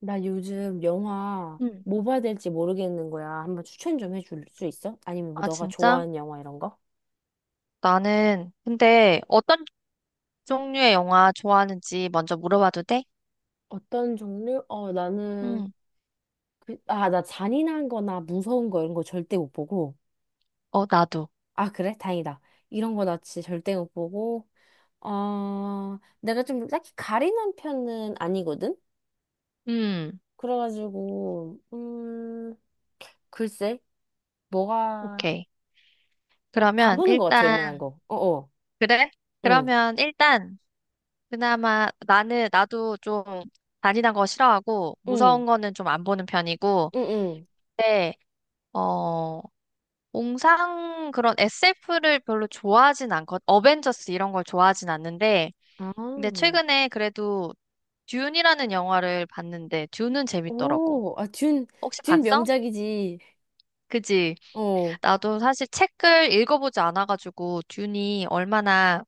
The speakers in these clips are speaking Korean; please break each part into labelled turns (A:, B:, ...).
A: 나 요즘 영화
B: 음.
A: 뭐 봐야 될지 모르겠는 거야. 한번 추천 좀 해줄 수 있어? 아니면 뭐
B: 아,
A: 너가
B: 진짜?
A: 좋아하는 영화 이런 거?
B: 나는, 근데 어떤 종류의 영화 좋아하는지 먼저 물어봐도 돼?
A: 어떤 종류? 어, 나는
B: 음.
A: 그, 아, 나 잔인한 거나 무서운 거 이런 거 절대 못 보고.
B: 어, 나도.
A: 아, 그래? 다행이다. 이런 거 나 진짜 절대 못 보고. 어, 내가 좀 딱히 가리는 편은 아니거든?
B: 음,
A: 그래가지고, 글쎄, 뭐가,
B: 오케이.
A: 그냥 다
B: 그러면
A: 보는 것 같아, 웬만한
B: 일단,
A: 거. 어어.
B: 그래?
A: 응,
B: 그러면 일단, 그나마 나는, 나도 좀 잔인한 거 싫어하고,
A: 응,
B: 무서운 거는 좀 안 보는 편이고,
A: 응, 응.
B: 근데, 어, 공상 그런 SF를 별로 좋아하진 않거든. 어벤져스 이런 걸 좋아하진 않는데,
A: 아.
B: 근데 최근에 그래도 듄이라는 영화를 봤는데 듄은 재밌더라고.
A: 오, 아, 준,
B: 혹시
A: 준
B: 봤어?
A: 명작이지.
B: 그지?
A: 어,
B: 나도 사실 책을 읽어보지 않아가지고 듄이 얼마나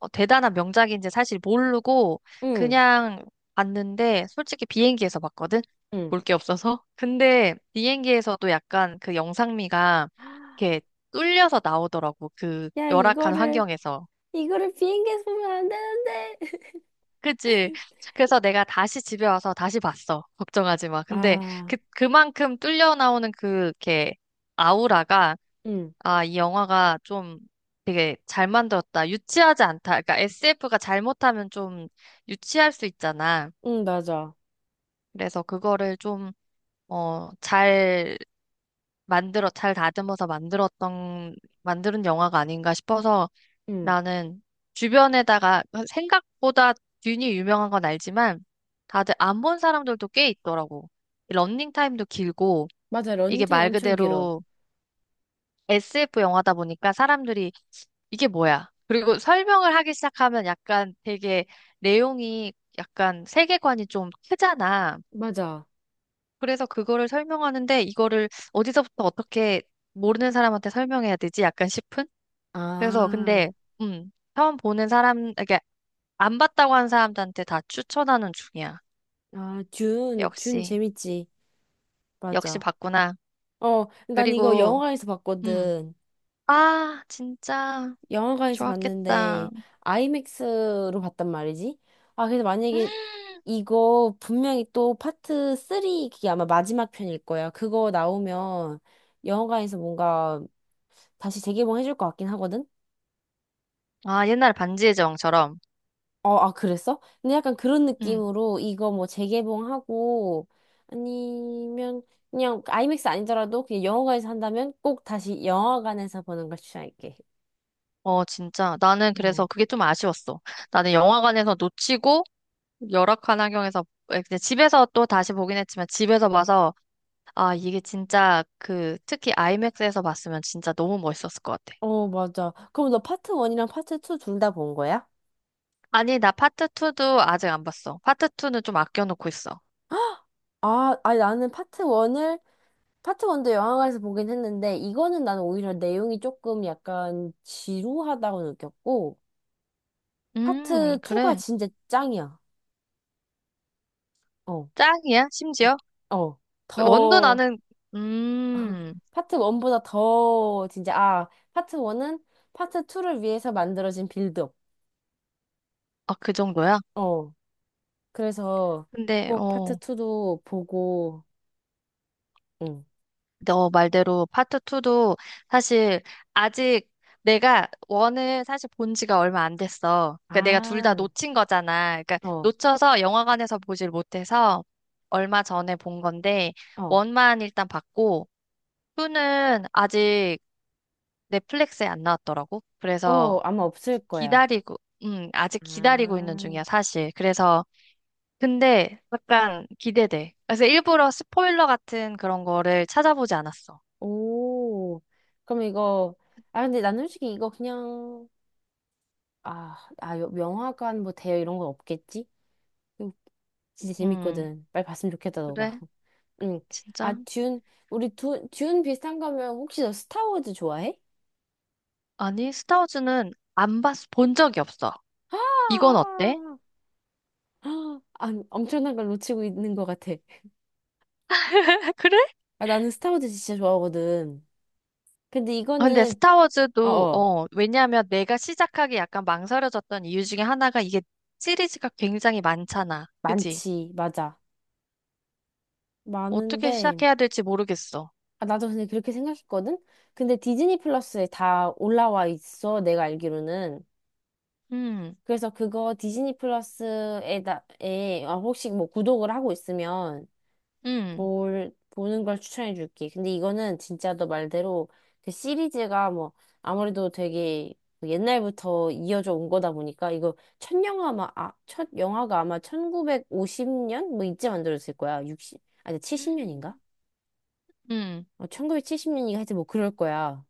B: 대단한 명작인지 사실 모르고
A: 응,
B: 그냥 봤는데 솔직히 비행기에서 봤거든?
A: 응.
B: 볼 게 없어서. 근데 비행기에서도 약간 그 영상미가 이렇게 뚫려서 나오더라고. 그
A: 야,
B: 열악한 환경에서.
A: 이거를 비행기에서 보면 안 되는데.
B: 그치? 그래서 내가 다시 집에 와서 다시 봤어. 걱정하지 마. 근데
A: 아,
B: 그, 그만큼 뚫려 나오는 그, 이렇게, 아우라가,
A: 응,
B: 아, 이 영화가 좀 되게 잘 만들었다. 유치하지 않다. 그러니까 SF가 잘못하면 좀 유치할 수 있잖아.
A: 응, 맞아.
B: 그래서 그거를 좀, 잘 만들어, 잘 다듬어서 만들었던, 만드는 영화가 아닌가 싶어서
A: 응,
B: 나는 주변에다가 생각보다 듄이 유명한 건 알지만 다들 안 본 사람들도 꽤 있더라고. 이 러닝 타임도 길고
A: 맞아.
B: 이게
A: 런닝타임
B: 말
A: 엄청 길어.
B: 그대로 SF 영화다 보니까 사람들이 이게 뭐야? 그리고 설명을 하기 시작하면 약간 되게 내용이 약간 세계관이 좀 크잖아.
A: 맞아.
B: 그래서 그거를 설명하는데 이거를 어디서부터 어떻게 모르는 사람한테 설명해야 되지? 약간 싶은? 그래서
A: 아,
B: 근데 처음 보는 사람 이게 안 봤다고 한 사람들한테 다 추천하는 중이야.
A: 아, 준, 준
B: 역시
A: 재밌지.
B: 역시
A: 맞아.
B: 봤구나.
A: 어, 난 이거
B: 그리고
A: 영화관에서
B: 음
A: 봤거든.
B: 진짜
A: 영화관에서
B: 좋았겠다.
A: 봤는데 아이맥스로 봤단 말이지. 아, 그래서 만약에 이거 분명히 또 파트 3, 그게 아마 마지막 편일 거야. 그거 나오면 영화관에서 뭔가 다시 재개봉 해줄 것 같긴 하거든.
B: 아 옛날 반지의 제왕처럼
A: 어, 아, 그랬어? 근데 약간 그런
B: 음
A: 느낌으로 이거 뭐 재개봉하고, 아니면 그냥 아이맥스 아니더라도 그냥 영화관에서 한다면 꼭 다시 영화관에서 보는 걸 추천할게.
B: 진짜 나는
A: 어.
B: 그래서 그게 좀 아쉬웠어. 나는 영화관에서 놓치고 열악한 환경에서 에, 근데 집에서 또 다시 보긴 했지만 집에서 봐서 이게 진짜 그 특히 아이맥스에서 봤으면 진짜 너무 멋있었을 것 같아.
A: 어, 맞아. 그럼 너 파트 1이랑 파트 2 둘 다 본 거야?
B: 아니, 나 파트 2도 아직 안 봤어. 파트 2는 좀 아껴놓고 있어.
A: 아, 아니 나는 파트 1도 영화관에서 보긴 했는데, 이거는 나는 오히려 내용이 조금 약간 지루하다고 느꼈고 파트 2가
B: 그래.
A: 진짜 짱이야. 어.
B: 짱이야,
A: 음.
B: 심지어?
A: 어.
B: 원도
A: 더
B: 나는, 음,
A: 파트 1보다 더 진짜 아, 파트 1은 파트 2를 위해서 만들어진 빌드업.
B: 아, 그 정도야?
A: 어. 그래서
B: 근데,
A: 꼭 파트 2도 보고. 응.
B: 너 말대로 파트 2도 사실 아직 내가 원을 사실 본 지가 얼마 안 됐어. 그러니까 내가 둘 다
A: 아,
B: 놓친 거잖아. 그러니까
A: 어.
B: 놓쳐서 영화관에서 보질 못해서 얼마 전에 본 건데,
A: 어.
B: 원만 일단 봤고, 투는 아직 넷플릭스에 안 나왔더라고.
A: 어,
B: 그래서
A: 아마 없을 거야.
B: 기다리고, 아직 기다리고 있는
A: 아.
B: 중이야, 사실. 그래서, 근데 약간 기대돼. 그래서 일부러 스포일러 같은 그런 거를 찾아보지 않았어.
A: 오, 그럼 이거, 아, 근데 난 솔직히 이거 그냥, 아, 아, 영화관 뭐 대여 이런 건 없겠지? 이거 진짜
B: 음,
A: 재밌거든. 빨리 봤으면 좋겠다, 너가.
B: 그래?
A: 응. 아,
B: 진짜?
A: 듄, 듄 비슷한 거면 혹시 너 스타워즈 좋아해?
B: 아니, 스타워즈는 안 봤, 본 적이 없어. 이건
A: 아,
B: 어때?
A: 아, 아, 엄청난 걸 놓치고 있는 것 같아.
B: 그래?
A: 아, 나는 스타워즈 진짜 좋아하거든. 근데
B: 근데
A: 이거는, 어,
B: 스타워즈도,
A: 어,
B: 왜냐면 내가 시작하기 약간 망설여졌던 이유 중에 하나가 이게 시리즈가 굉장히 많잖아. 그지?
A: 많지, 맞아.
B: 어떻게
A: 많은데,
B: 시작해야 될지 모르겠어.
A: 아, 나도 근데 그렇게 생각했거든? 근데 디즈니 플러스에 다 올라와 있어, 내가 알기로는.
B: 음.
A: 그래서 그거 어, 혹시 뭐 구독을 하고 있으면
B: 음.
A: 보는 걸 추천해 줄게. 근데 이거는 진짜 너 말대로 그 시리즈가 뭐 아무래도 되게 옛날부터 이어져 온 거다 보니까 이거 첫 영화가 아마 1950년? 뭐 이때 만들어졌을 거야. 육십 아니 70년인가?
B: 음.
A: 어, 1970년인가 하여튼 뭐 그럴 거야.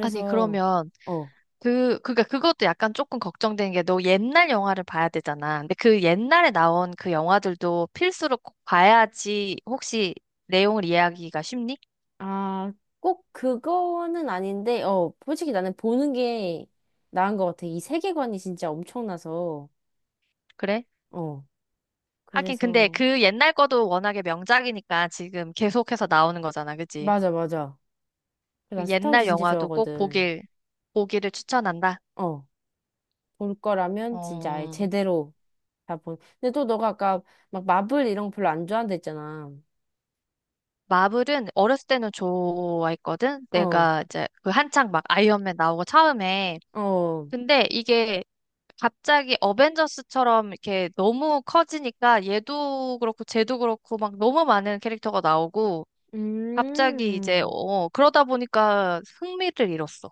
B: 아니, 그러면,
A: 어,
B: 그, 그니까 그것도 약간 조금 걱정되는 게 너 옛날 영화를 봐야 되잖아. 근데 그 옛날에 나온 그 영화들도 필수로 꼭 봐야지 혹시 내용을 이해하기가 쉽니?
A: 아, 꼭 그거는 아닌데, 어, 솔직히 나는 보는 게 나은 것 같아. 이 세계관이 진짜 엄청나서,
B: 그래?
A: 어,
B: 하긴, 근데
A: 그래서,
B: 그 옛날 거도 워낙에 명작이니까 지금 계속해서 나오는 거잖아. 그치?
A: 맞아, 맞아. 난
B: 그
A: 스타워즈
B: 옛날
A: 진짜
B: 영화도 꼭
A: 좋아하거든.
B: 보길, 보기를 추천한다.
A: 어, 볼 거라면 진짜 아예
B: 어,
A: 제대로 다 본. 근데 또 너가 아까 막 마블 이런 거 별로 안 좋아한다 했잖아.
B: 마블은 어렸을 때는 좋아했거든?
A: 어,
B: 내가 이제 그 한창 막 아이언맨 나오고 처음에
A: 어,
B: 근데 이게 갑자기 어벤져스처럼 이렇게 너무 커지니까 얘도 그렇고 쟤도 그렇고 막 너무 많은 캐릭터가 나오고 갑자기 이제
A: 음,
B: 그러다 보니까 흥미를 잃었어.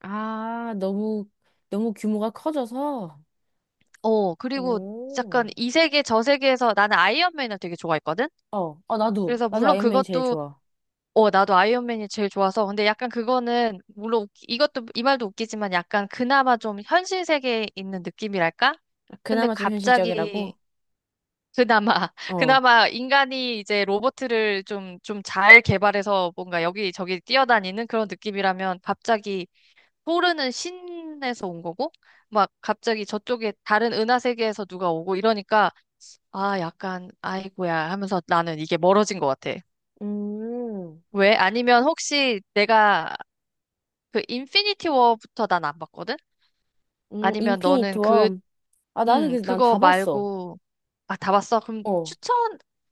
A: 아, 너무, 너무 규모가 커져서,
B: 어 그리고
A: 오.
B: 약간 이 세계 저 세계에서 나는 아이언맨을 되게 좋아했거든.
A: 어, 어, 나도.
B: 그래서
A: 나도
B: 물론
A: 아이언맨이 제일
B: 그것도
A: 좋아.
B: 나도 아이언맨이 제일 좋아서 근데 약간 그거는 물론 웃기- 이것도 이 말도 웃기지만 약간 그나마 좀 현실 세계에 있는 느낌이랄까? 근데
A: 그나마 좀 현실적이라고?
B: 갑자기 그나마,
A: 어.
B: 그나마 인간이 이제 로봇을 좀, 좀 잘 개발해서 뭔가 여기저기 뛰어다니는 그런 느낌이라면 갑자기 포르는 신에서 온 거고, 막 갑자기 저쪽에 다른 은하 세계에서 누가 오고 이러니까, 아, 약간, 아이고야 하면서 나는 이게 멀어진 것 같아.
A: 음,
B: 왜? 아니면 혹시 내가 그 인피니티 워부터 난 안 봤거든? 아니면
A: 인피니트
B: 너는 그,
A: 워. 아, 나는 그래서 난
B: 그거
A: 다 봤어.
B: 말고, 아, 다 봤어? 그럼
A: 어.
B: 추천,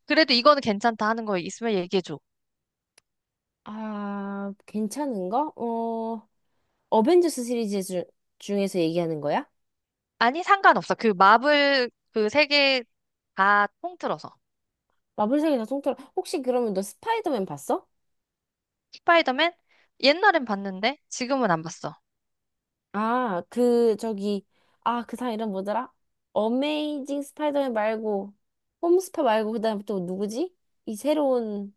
B: 그래도 이거는 괜찮다 하는 거 있으면 얘기해줘.
A: 아, 괜찮은 거? 어, 어벤져스 시리즈 주, 중에서 얘기하는 거야?
B: 아니, 상관없어. 그 마블 그 세 개 다 통틀어서.
A: 마블사계 다 통틀어. 혹시 그러면 너 스파이더맨 봤어?
B: 스파이더맨? 옛날엔 봤는데 지금은 안 봤어.
A: 아, 그, 저기, 아, 그 사람 이름 뭐더라? 어메이징 스파이더맨 말고, 홈스파 말고, 그 다음에 또 누구지? 이 새로운,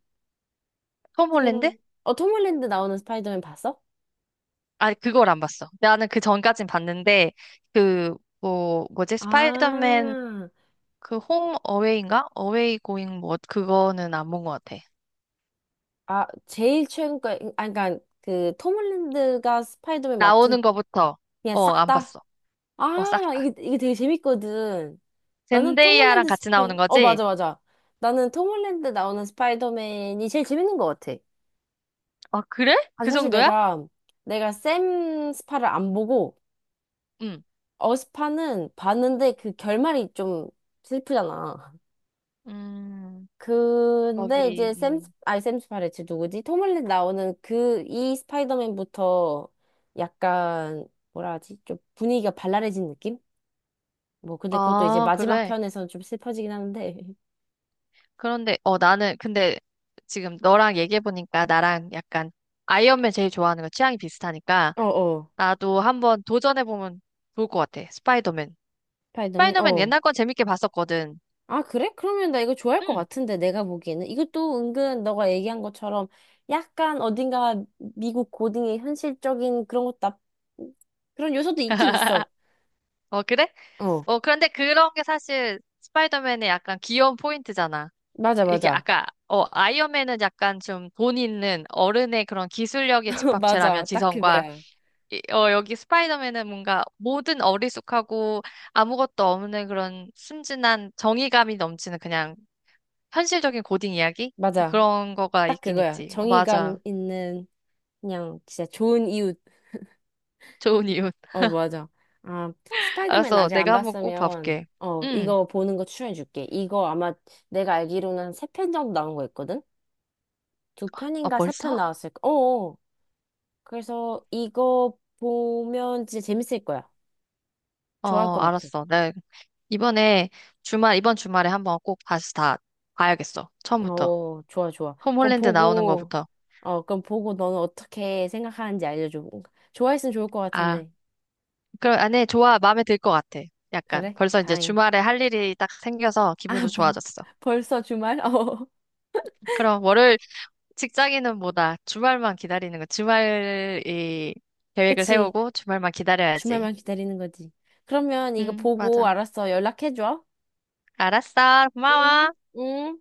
B: 톰 홀랜드?
A: 새로운, 어, 톰 홀랜드 나오는 스파이더맨 봤어?
B: 아니, 그걸 안 봤어. 나는 그 전까진 봤는데 그 뭐지? 스파이더맨
A: 아,
B: 그 홈 어웨이인가? 어웨이 고잉 뭐 그거는 안 본 것 같아.
A: 아, 제일 최근 거, 아, 그니까, 그, 톰 홀랜드가 스파이더맨
B: 나오는
A: 맡은,
B: 거부터
A: 그냥
B: 어,
A: 싹
B: 안
A: 다?
B: 봤어. 어, 싹
A: 아,
B: 다.
A: 이게 되게 재밌거든. 나는 톰
B: 젠데이아랑
A: 홀랜드
B: 같이
A: 스파이,
B: 나오는
A: 어,
B: 거지?
A: 맞아, 맞아. 나는 톰 홀랜드 나오는 스파이더맨이 제일 재밌는 것 같아.
B: 아, 그래?
A: 아,
B: 그 정도야?
A: 내가 샘 스파를 안 보고,
B: 응.
A: 어스파는 봤는데 그 결말이 좀 슬프잖아.
B: 음. 거기
A: 근데 이제 샘, 스- 아니 샘 스파레츠 누구지? 톰 홀랜드 나오는 그 이 스파이더맨부터 약간 뭐라 하지? 좀 분위기가 발랄해진 느낌? 뭐 근데 그것도 이제
B: 아,
A: 마지막
B: 그래.
A: 편에서는 좀 슬퍼지긴 하는데.
B: 그런데, 나는, 근데 지금 너랑 얘기해보니까 나랑 약간 아이언맨 제일 좋아하는 거 취향이 비슷하니까
A: 어 어.
B: 나도 한번 도전해보면 좋을 것 같아. 스파이더맨.
A: 스파이더맨.
B: 스파이더맨
A: 어.
B: 옛날 건 재밌게 봤었거든.
A: 아 그래? 그러면 나 이거 좋아할 것
B: 응.
A: 같은데 내가 보기에는 이것도 은근 너가 얘기한 것처럼 약간 어딘가 미국 고딩의 현실적인 그런 요소도 있긴 있어.
B: 어, 그래?
A: 어.
B: 그런데 그런 게 사실 스파이더맨의 약간 귀여운 포인트잖아.
A: 맞아
B: 이게
A: 맞아.
B: 아까, 아이언맨은 약간 좀 돈 있는 어른의 그런 기술력의 집합체라면
A: 맞아. 딱
B: 지성과
A: 그거야.
B: 여기 스파이더맨은 뭔가 모든 어리숙하고 아무것도 없는 그런 순진한 정의감이 넘치는 그냥 현실적인 고딩 이야기?
A: 맞아.
B: 그런 거가
A: 딱
B: 있긴
A: 그거야.
B: 있지. 어,
A: 정의감
B: 맞아.
A: 있는, 그냥 진짜 좋은 이웃.
B: 좋은 이웃.
A: 어, 맞아. 아, 스파이더맨
B: 알았어.
A: 아직 안
B: 내가 한번 꼭
A: 봤으면,
B: 봐볼게.
A: 어,
B: 응.
A: 이거 보는 거 추천해줄게. 이거 아마 내가 알기로는 한 세 편 정도 나온 거 있거든? 두
B: 아,
A: 편인가 세 편
B: 벌써?
A: 나왔을 거. 어어. 그래서 이거 보면 진짜 재밌을 거야. 좋아할
B: 어,
A: 것 같아.
B: 알았어. 나 이번에 주말, 이번 주말에 한번 꼭 다시 다 봐야겠어. 처음부터.
A: 어, 좋아, 좋아.
B: 홈 홀랜드 나오는 거부터.
A: 어, 그럼 보고 너는 어떻게 생각하는지 알려줘. 좋아했으면 좋을 것
B: 아,
A: 같은데.
B: 그럼, 아, 네, 좋아. 마음에 들 것 같아. 약간.
A: 그래?
B: 벌써 이제
A: 다행.
B: 주말에 할 일이 딱 생겨서
A: 아,
B: 기분도
A: 벌,
B: 좋아졌어.
A: 벌써 주말? 어.
B: 그럼 월요일 직장인은 뭐다. 주말만 기다리는 거. 주말이 계획을
A: 그치?
B: 세우고 주말만 기다려야지.
A: 주말만 기다리는 거지. 그러면 이거
B: 응,
A: 보고
B: 맞아.
A: 알았어. 연락해줘.
B: 알았어.
A: 응?
B: 고마워.
A: 응?